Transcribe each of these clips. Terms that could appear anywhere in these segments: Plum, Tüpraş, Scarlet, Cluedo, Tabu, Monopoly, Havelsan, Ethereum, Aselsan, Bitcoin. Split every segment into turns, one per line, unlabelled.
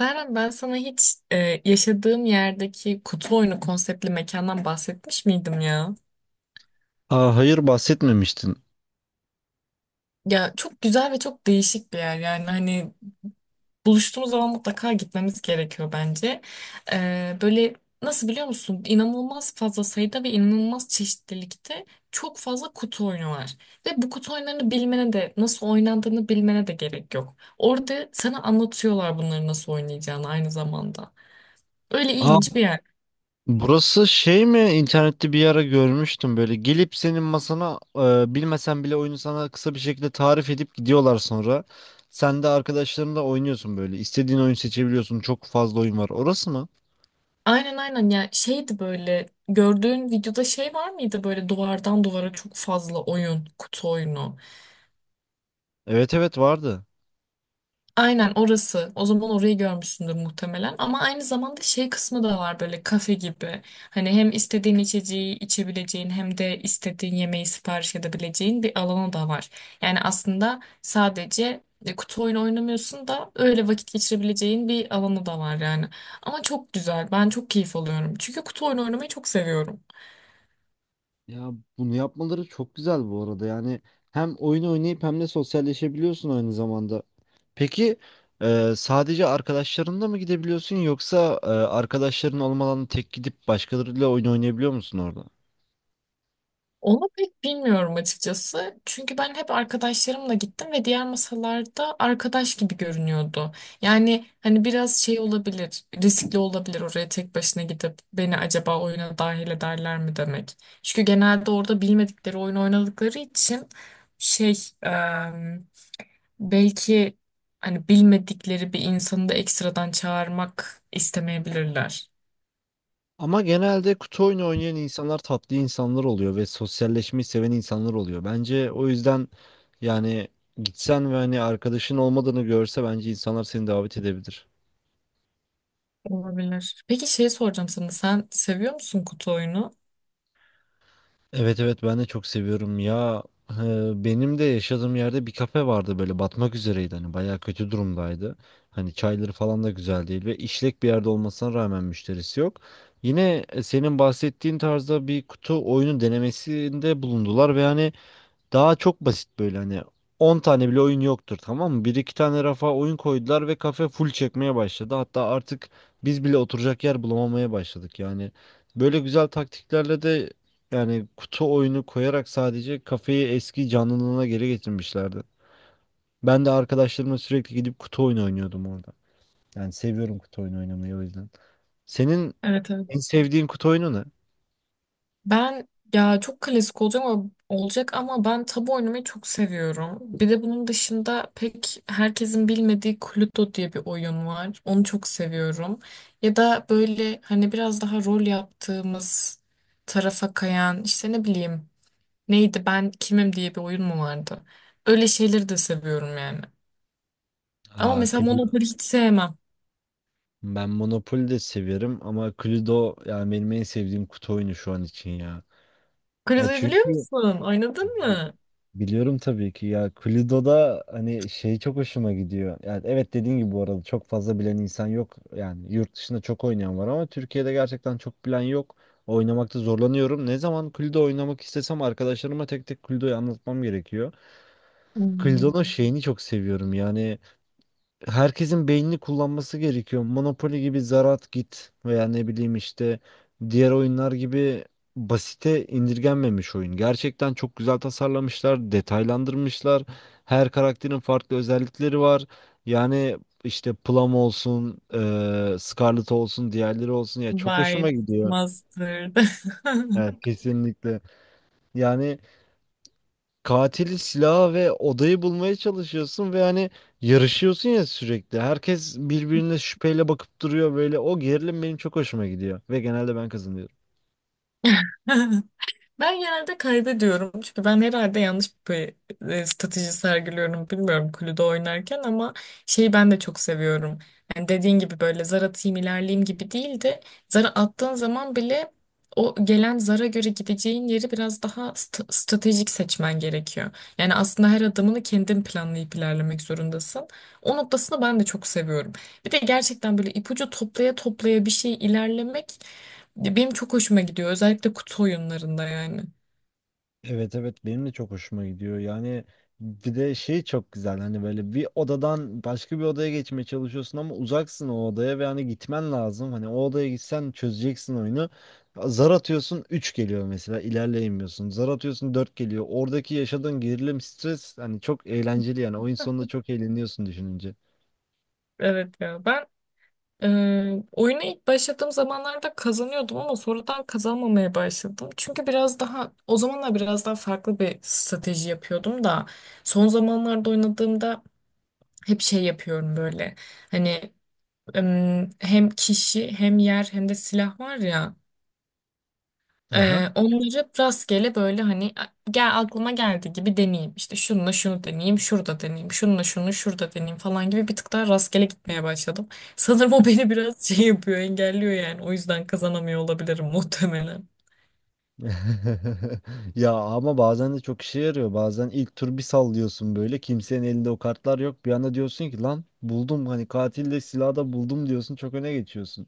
Serhan ben sana hiç yaşadığım yerdeki kutu oyunu konseptli mekandan bahsetmiş miydim ya?
Aa, hayır bahsetmemiştin.
Ya çok güzel ve çok değişik bir yer, yani hani buluştuğumuz zaman mutlaka gitmemiz gerekiyor bence. Böyle, nasıl biliyor musun? İnanılmaz fazla sayıda ve inanılmaz çeşitlilikte çok fazla kutu oyunu var. Ve bu kutu oyunlarını bilmene de nasıl oynandığını bilmene de gerek yok. Orada sana anlatıyorlar bunları nasıl oynayacağını aynı zamanda. Öyle
Aa,
ilginç bir yer.
burası şey mi? İnternette bir ara görmüştüm böyle. Gelip senin masana bilmesen bile oyunu sana kısa bir şekilde tarif edip gidiyorlar sonra. Sen de arkadaşlarınla oynuyorsun böyle. İstediğin oyun seçebiliyorsun. Çok fazla oyun var. Orası mı?
Aynen aynen ya, şeydi, böyle gördüğün videoda şey var mıydı, böyle duvardan duvara çok fazla oyun, kutu oyunu.
Evet, evet, vardı.
Aynen, orası o zaman, orayı görmüşsündür muhtemelen, ama aynı zamanda şey kısmı da var, böyle kafe gibi. Hani hem istediğin içeceği içebileceğin hem de istediğin yemeği sipariş edebileceğin bir alanı da var. Yani aslında sadece kutu oyunu oynamıyorsun da, öyle vakit geçirebileceğin bir alanı da var yani. Ama çok güzel, ben çok keyif alıyorum çünkü kutu oyunu oynamayı çok seviyorum.
Ya, bunu yapmaları çok güzel bu arada. Yani hem oyunu oynayıp hem de sosyalleşebiliyorsun aynı zamanda. Peki, sadece arkadaşlarınla mı gidebiliyorsun, yoksa arkadaşların olmadan tek gidip başkalarıyla oyun oynayabiliyor musun orada?
Onu pek bilmiyorum açıkçası. Çünkü ben hep arkadaşlarımla gittim ve diğer masalarda arkadaş gibi görünüyordu. Yani hani biraz şey olabilir, riskli olabilir oraya tek başına gidip beni acaba oyuna dahil ederler mi demek. Çünkü genelde orada bilmedikleri oyun oynadıkları için şey, em, belki hani bilmedikleri bir insanı da ekstradan çağırmak istemeyebilirler.
Ama genelde kutu oyunu oynayan insanlar tatlı insanlar oluyor ve sosyalleşmeyi seven insanlar oluyor. Bence o yüzden, yani gitsen ve hani arkadaşın olmadığını görse bence insanlar seni davet edebilir.
Olabilir. Peki şey soracağım sana. Sen seviyor musun kutu oyunu?
Evet, evet, ben de çok seviyorum ya. Benim de yaşadığım yerde bir kafe vardı, böyle batmak üzereydi, hani bayağı kötü durumdaydı. Hani çayları falan da güzel değil ve işlek bir yerde olmasına rağmen müşterisi yok. Yine senin bahsettiğin tarzda bir kutu oyunu denemesinde bulundular ve hani daha çok basit, böyle hani 10 tane bile oyun yoktur, tamam mı? Bir iki tane rafa oyun koydular ve kafe full çekmeye başladı. Hatta artık biz bile oturacak yer bulamamaya başladık. Yani böyle güzel taktiklerle de, yani kutu oyunu koyarak sadece kafeyi eski canlılığına geri getirmişlerdi. Ben de arkadaşlarımla sürekli gidip kutu oyunu oynuyordum orada. Yani seviyorum kutu oyunu oynamayı, o yüzden. Senin
Evet, evet.
en sevdiğin kutu oyunu ne?
Ben, ya çok klasik olacak ama, ben tabu oynamayı çok seviyorum. Bir de bunun dışında pek herkesin bilmediği Cluedo diye bir oyun var. Onu çok seviyorum. Ya da böyle hani biraz daha rol yaptığımız tarafa kayan, işte ne bileyim, neydi, ben kimim diye bir oyun mu vardı? Öyle şeyleri de seviyorum yani. Ama
Aa,
mesela Monopoly hiç sevmem.
ben Monopoly de severim ama Cluedo yani benim en sevdiğim kutu oyunu şu an için ya. Ya
Cluedo'yu biliyor
çünkü
musun? Oynadın mı?
biliyorum tabii ki ya, Cluedo'da hani şey çok hoşuma gidiyor. Yani evet, dediğin gibi bu arada çok fazla bilen insan yok. Yani yurt dışında çok oynayan var ama Türkiye'de gerçekten çok bilen yok. Oynamakta zorlanıyorum. Ne zaman Cluedo oynamak istesem arkadaşlarıma tek tek Cluedo'yu anlatmam gerekiyor. Hı
Hmm.
Cluedo'nun şeyini çok seviyorum, yani herkesin beynini kullanması gerekiyor. Monopoly gibi Zarat Git veya ne bileyim işte diğer oyunlar gibi basite indirgenmemiş oyun. Gerçekten çok güzel tasarlamışlar, detaylandırmışlar. Her karakterin farklı özellikleri var. Yani işte Plum olsun, Scarlet olsun, diğerleri olsun ya, çok hoşuma
White
gidiyor.
mustard.
Evet, kesinlikle. Yani katili, silahı ve odayı bulmaya çalışıyorsun ve hani yarışıyorsun ya sürekli. Herkes birbirine şüpheyle bakıp duruyor böyle. O gerilim benim çok hoşuma gidiyor ve genelde ben kazanıyorum.
Ben genelde kaybediyorum çünkü ben herhalde yanlış bir strateji sergiliyorum, bilmiyorum kulüde oynarken, ama şeyi ben de çok seviyorum. Yani dediğin gibi böyle zar atayım ilerleyeyim gibi değil de, zarı attığın zaman bile o gelen zara göre gideceğin yeri biraz daha stratejik seçmen gerekiyor. Yani aslında her adımını kendin planlayıp ilerlemek zorundasın. O noktasını ben de çok seviyorum. Bir de gerçekten böyle ipucu toplaya toplaya bir şey ilerlemek benim çok hoşuma gidiyor, özellikle kutu oyunlarında yani.
Evet, evet, benim de çok hoşuma gidiyor. Yani bir de şey çok güzel, hani böyle bir odadan başka bir odaya geçmeye çalışıyorsun ama uzaksın o odaya ve hani gitmen lazım. Hani o odaya gitsen çözeceksin oyunu. Zar atıyorsun, 3 geliyor mesela, ilerleyemiyorsun. Zar atıyorsun, 4 geliyor. Oradaki yaşadığın gerilim, stres, hani çok eğlenceli, yani oyun sonunda çok eğleniyorsun düşününce.
Evet ya, ben e, oyuna ilk başladığım zamanlarda kazanıyordum ama sonradan kazanmamaya başladım. Çünkü biraz daha o zamanlar biraz daha farklı bir strateji yapıyordum da, son zamanlarda oynadığımda hep şey yapıyorum böyle. Hani hem kişi, hem yer, hem de silah var ya.
Aha.
Onları rastgele, böyle hani, "A- gel aklıma geldi gibi deneyeyim. İşte şununla şunu deneyeyim, şurada deneyeyim, şununla şunu şurada deneyeyim" falan gibi bir tık daha rastgele gitmeye başladım. Sanırım o beni biraz şey yapıyor, engelliyor yani. O yüzden kazanamıyor olabilirim muhtemelen.
Ya ama bazen de çok işe yarıyor. Bazen ilk tur bir sallıyorsun böyle. Kimsenin elinde o kartlar yok. Bir anda diyorsun ki, lan buldum, hani katil de silahı da buldum diyorsun. Çok öne geçiyorsun.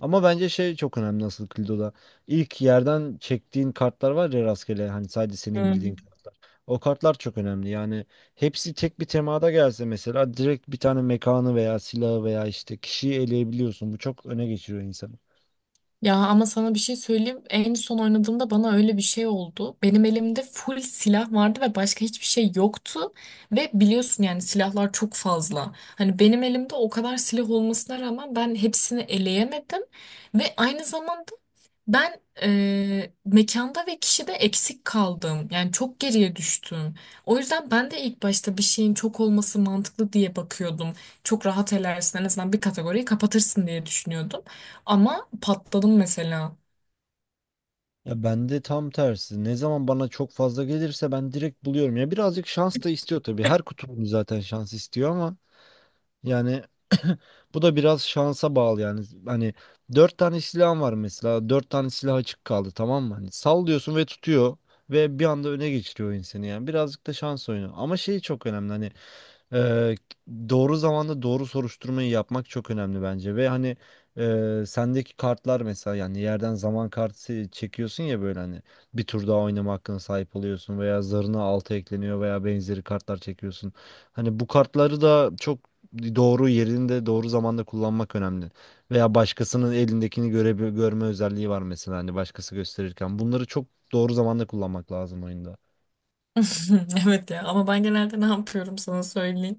Ama bence şey çok önemli, nasıl Kildo'da. İlk yerden çektiğin kartlar var ya, rastgele, hani sadece senin
Hmm.
bildiğin kartlar. O kartlar çok önemli. Yani hepsi tek bir temada gelse mesela direkt bir tane mekanı veya silahı veya işte kişiyi eleyebiliyorsun. Bu çok öne geçiriyor insanı.
Ya ama sana bir şey söyleyeyim. En son oynadığımda bana öyle bir şey oldu. Benim elimde full silah vardı ve başka hiçbir şey yoktu. Ve biliyorsun, yani silahlar çok fazla. Hani benim elimde o kadar silah olmasına rağmen ben hepsini eleyemedim. Ve aynı zamanda ben mekanda ve kişide eksik kaldım. Yani çok geriye düştüm. O yüzden ben de ilk başta bir şeyin çok olması mantıklı diye bakıyordum. Çok rahat elersin, en azından bir kategoriyi kapatırsın diye düşünüyordum. Ama patladım mesela.
Ya bende tam tersi. Ne zaman bana çok fazla gelirse ben direkt buluyorum. Ya birazcık şans da istiyor tabii. Her kutucu zaten şans istiyor ama yani bu da biraz şansa bağlı yani. Hani dört tane silahın var mesela. Dört tane silah açık kaldı, tamam mı? Hani sallıyorsun ve tutuyor ve bir anda öne geçiriyor insanı yani. Birazcık da şans oyunu. Ama şey çok önemli, hani ee, doğru zamanda doğru soruşturmayı yapmak çok önemli bence ve hani sendeki kartlar mesela, yani yerden zaman kartı çekiyorsun ya, böyle hani bir tur daha oynama hakkına sahip oluyorsun veya zarına altı ekleniyor veya benzeri kartlar çekiyorsun. Hani bu kartları da çok doğru yerinde, doğru zamanda kullanmak önemli. Veya başkasının elindekini görme özelliği var mesela, hani başkası gösterirken bunları çok doğru zamanda kullanmak lazım oyunda.
Evet ya, ama ben genelde ne yapıyorum sana söyleyeyim.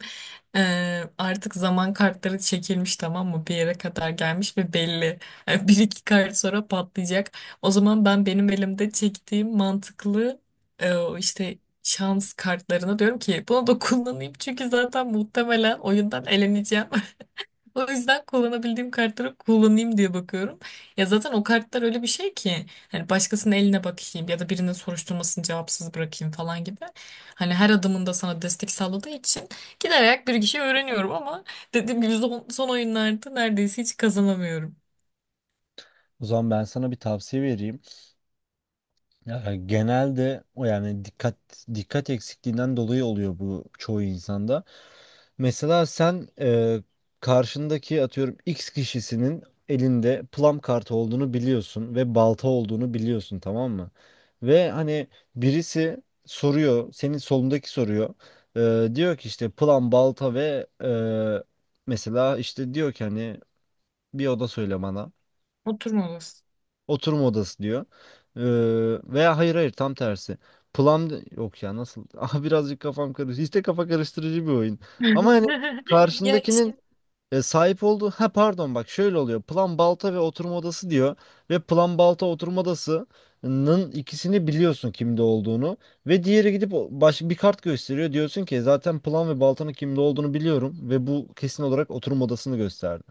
Artık zaman kartları çekilmiş, tamam mı? Bir yere kadar gelmiş ve belli. Yani bir iki kart sonra patlayacak. O zaman ben benim elimde çektiğim mantıklı o işte şans kartlarına diyorum ki bunu da kullanayım. Çünkü zaten muhtemelen oyundan eleneceğim. O yüzden kullanabildiğim kartları kullanayım diye bakıyorum. Ya zaten o kartlar öyle bir şey ki hani başkasının eline bakayım, ya da birinin soruşturmasını cevapsız bırakayım falan gibi. Hani her adımında sana destek sağladığı için giderek bir kişi öğreniyorum, ama dediğim gibi son oyunlarda neredeyse hiç kazanamıyorum.
O zaman ben sana bir tavsiye vereyim. Ya genelde o, yani dikkat eksikliğinden dolayı oluyor bu çoğu insanda. Mesela sen, karşındaki atıyorum X kişisinin elinde Plum kartı olduğunu biliyorsun ve balta olduğunu biliyorsun, tamam mı? Ve hani birisi soruyor, senin solundaki soruyor. E, diyor ki işte Plum, balta ve mesela işte diyor ki hani bir oda söyle bana.
Oturmalı.
Oturma odası diyor. Veya hayır, hayır, tam tersi. Plan yok ya, nasıl? Ah, birazcık kafam karıştı. İşte kafa karıştırıcı bir oyun. Ama hani
Ya,
karşındakinin sahip olduğu, ha pardon, bak şöyle oluyor. Plan, balta ve oturma odası diyor ve plan, balta, oturma odasının ikisini biliyorsun kimde olduğunu ve diğeri gidip baş bir kart gösteriyor. Diyorsun ki zaten plan ve baltanın kimde olduğunu biliyorum ve bu kesin olarak oturma odasını gösterdi.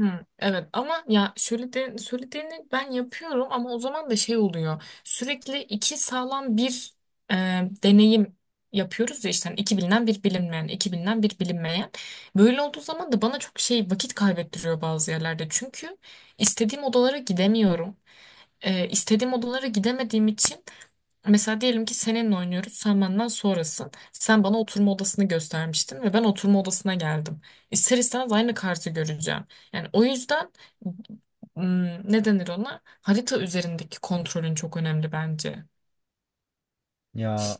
hı, evet ama ya söylediğini ben yapıyorum, ama o zaman da şey oluyor. Sürekli iki sağlam bir e, deneyim yapıyoruz ya, işte hani iki bilinen bir bilinmeyen, iki bilinen bir bilinmeyen. Böyle olduğu zaman da bana çok şey vakit kaybettiriyor bazı yerlerde. Çünkü istediğim odalara gidemiyorum. E, istediğim odalara gidemediğim için, mesela diyelim ki seninle oynuyoruz. Sen benden sonrasın. Sen bana oturma odasını göstermiştin ve ben oturma odasına geldim. E, İster istemez aynı kartı göreceğim. Yani o yüzden, ım, ne denir ona? Harita üzerindeki kontrolün çok önemli bence.
Ya,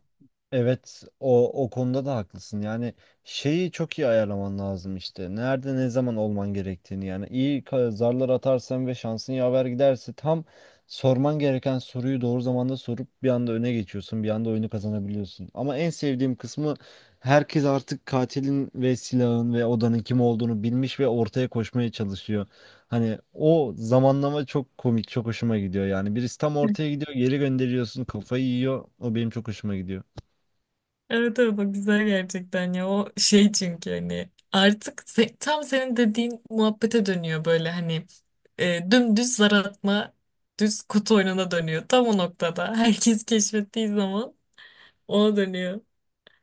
evet, o konuda da haklısın. Yani şeyi çok iyi ayarlaman lazım işte. Nerede ne zaman olman gerektiğini, yani iyi zarlar atarsan ve şansın yaver giderse tam sorman gereken soruyu doğru zamanda sorup bir anda öne geçiyorsun. Bir anda oyunu kazanabiliyorsun. Ama en sevdiğim kısmı, herkes artık katilin ve silahın ve odanın kim olduğunu bilmiş ve ortaya koşmaya çalışıyor. Hani o zamanlama çok komik, çok hoşuma gidiyor yani. Birisi tam
Hı.
ortaya gidiyor, geri gönderiyorsun, kafayı yiyor. O benim çok hoşuma gidiyor.
Evet evet, o güzel gerçekten ya, o şey çünkü hani artık tam senin dediğin muhabbete dönüyor böyle, hani dümdüz zar atma, düz kutu oyununa dönüyor tam o noktada, herkes keşfettiği zaman ona dönüyor.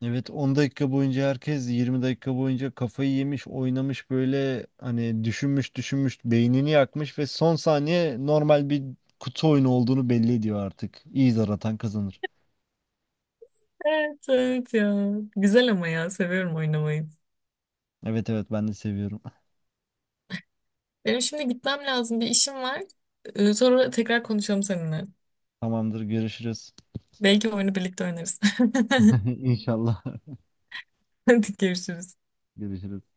Evet, 10 dakika boyunca herkes 20 dakika boyunca kafayı yemiş, oynamış, böyle hani düşünmüş düşünmüş, beynini yakmış ve son saniye normal bir kutu oyunu olduğunu belli ediyor artık. İyi zar atan kazanır.
Evet, evet ya. Güzel ama ya. Seviyorum oynamayı.
Evet, evet, ben de seviyorum.
Benim şimdi gitmem lazım. Bir işim var. Sonra tekrar konuşalım seninle.
Tamamdır, görüşürüz.
Belki oyunu birlikte oynarız.
İnşallah,
Hadi, görüşürüz.
görüşürüz.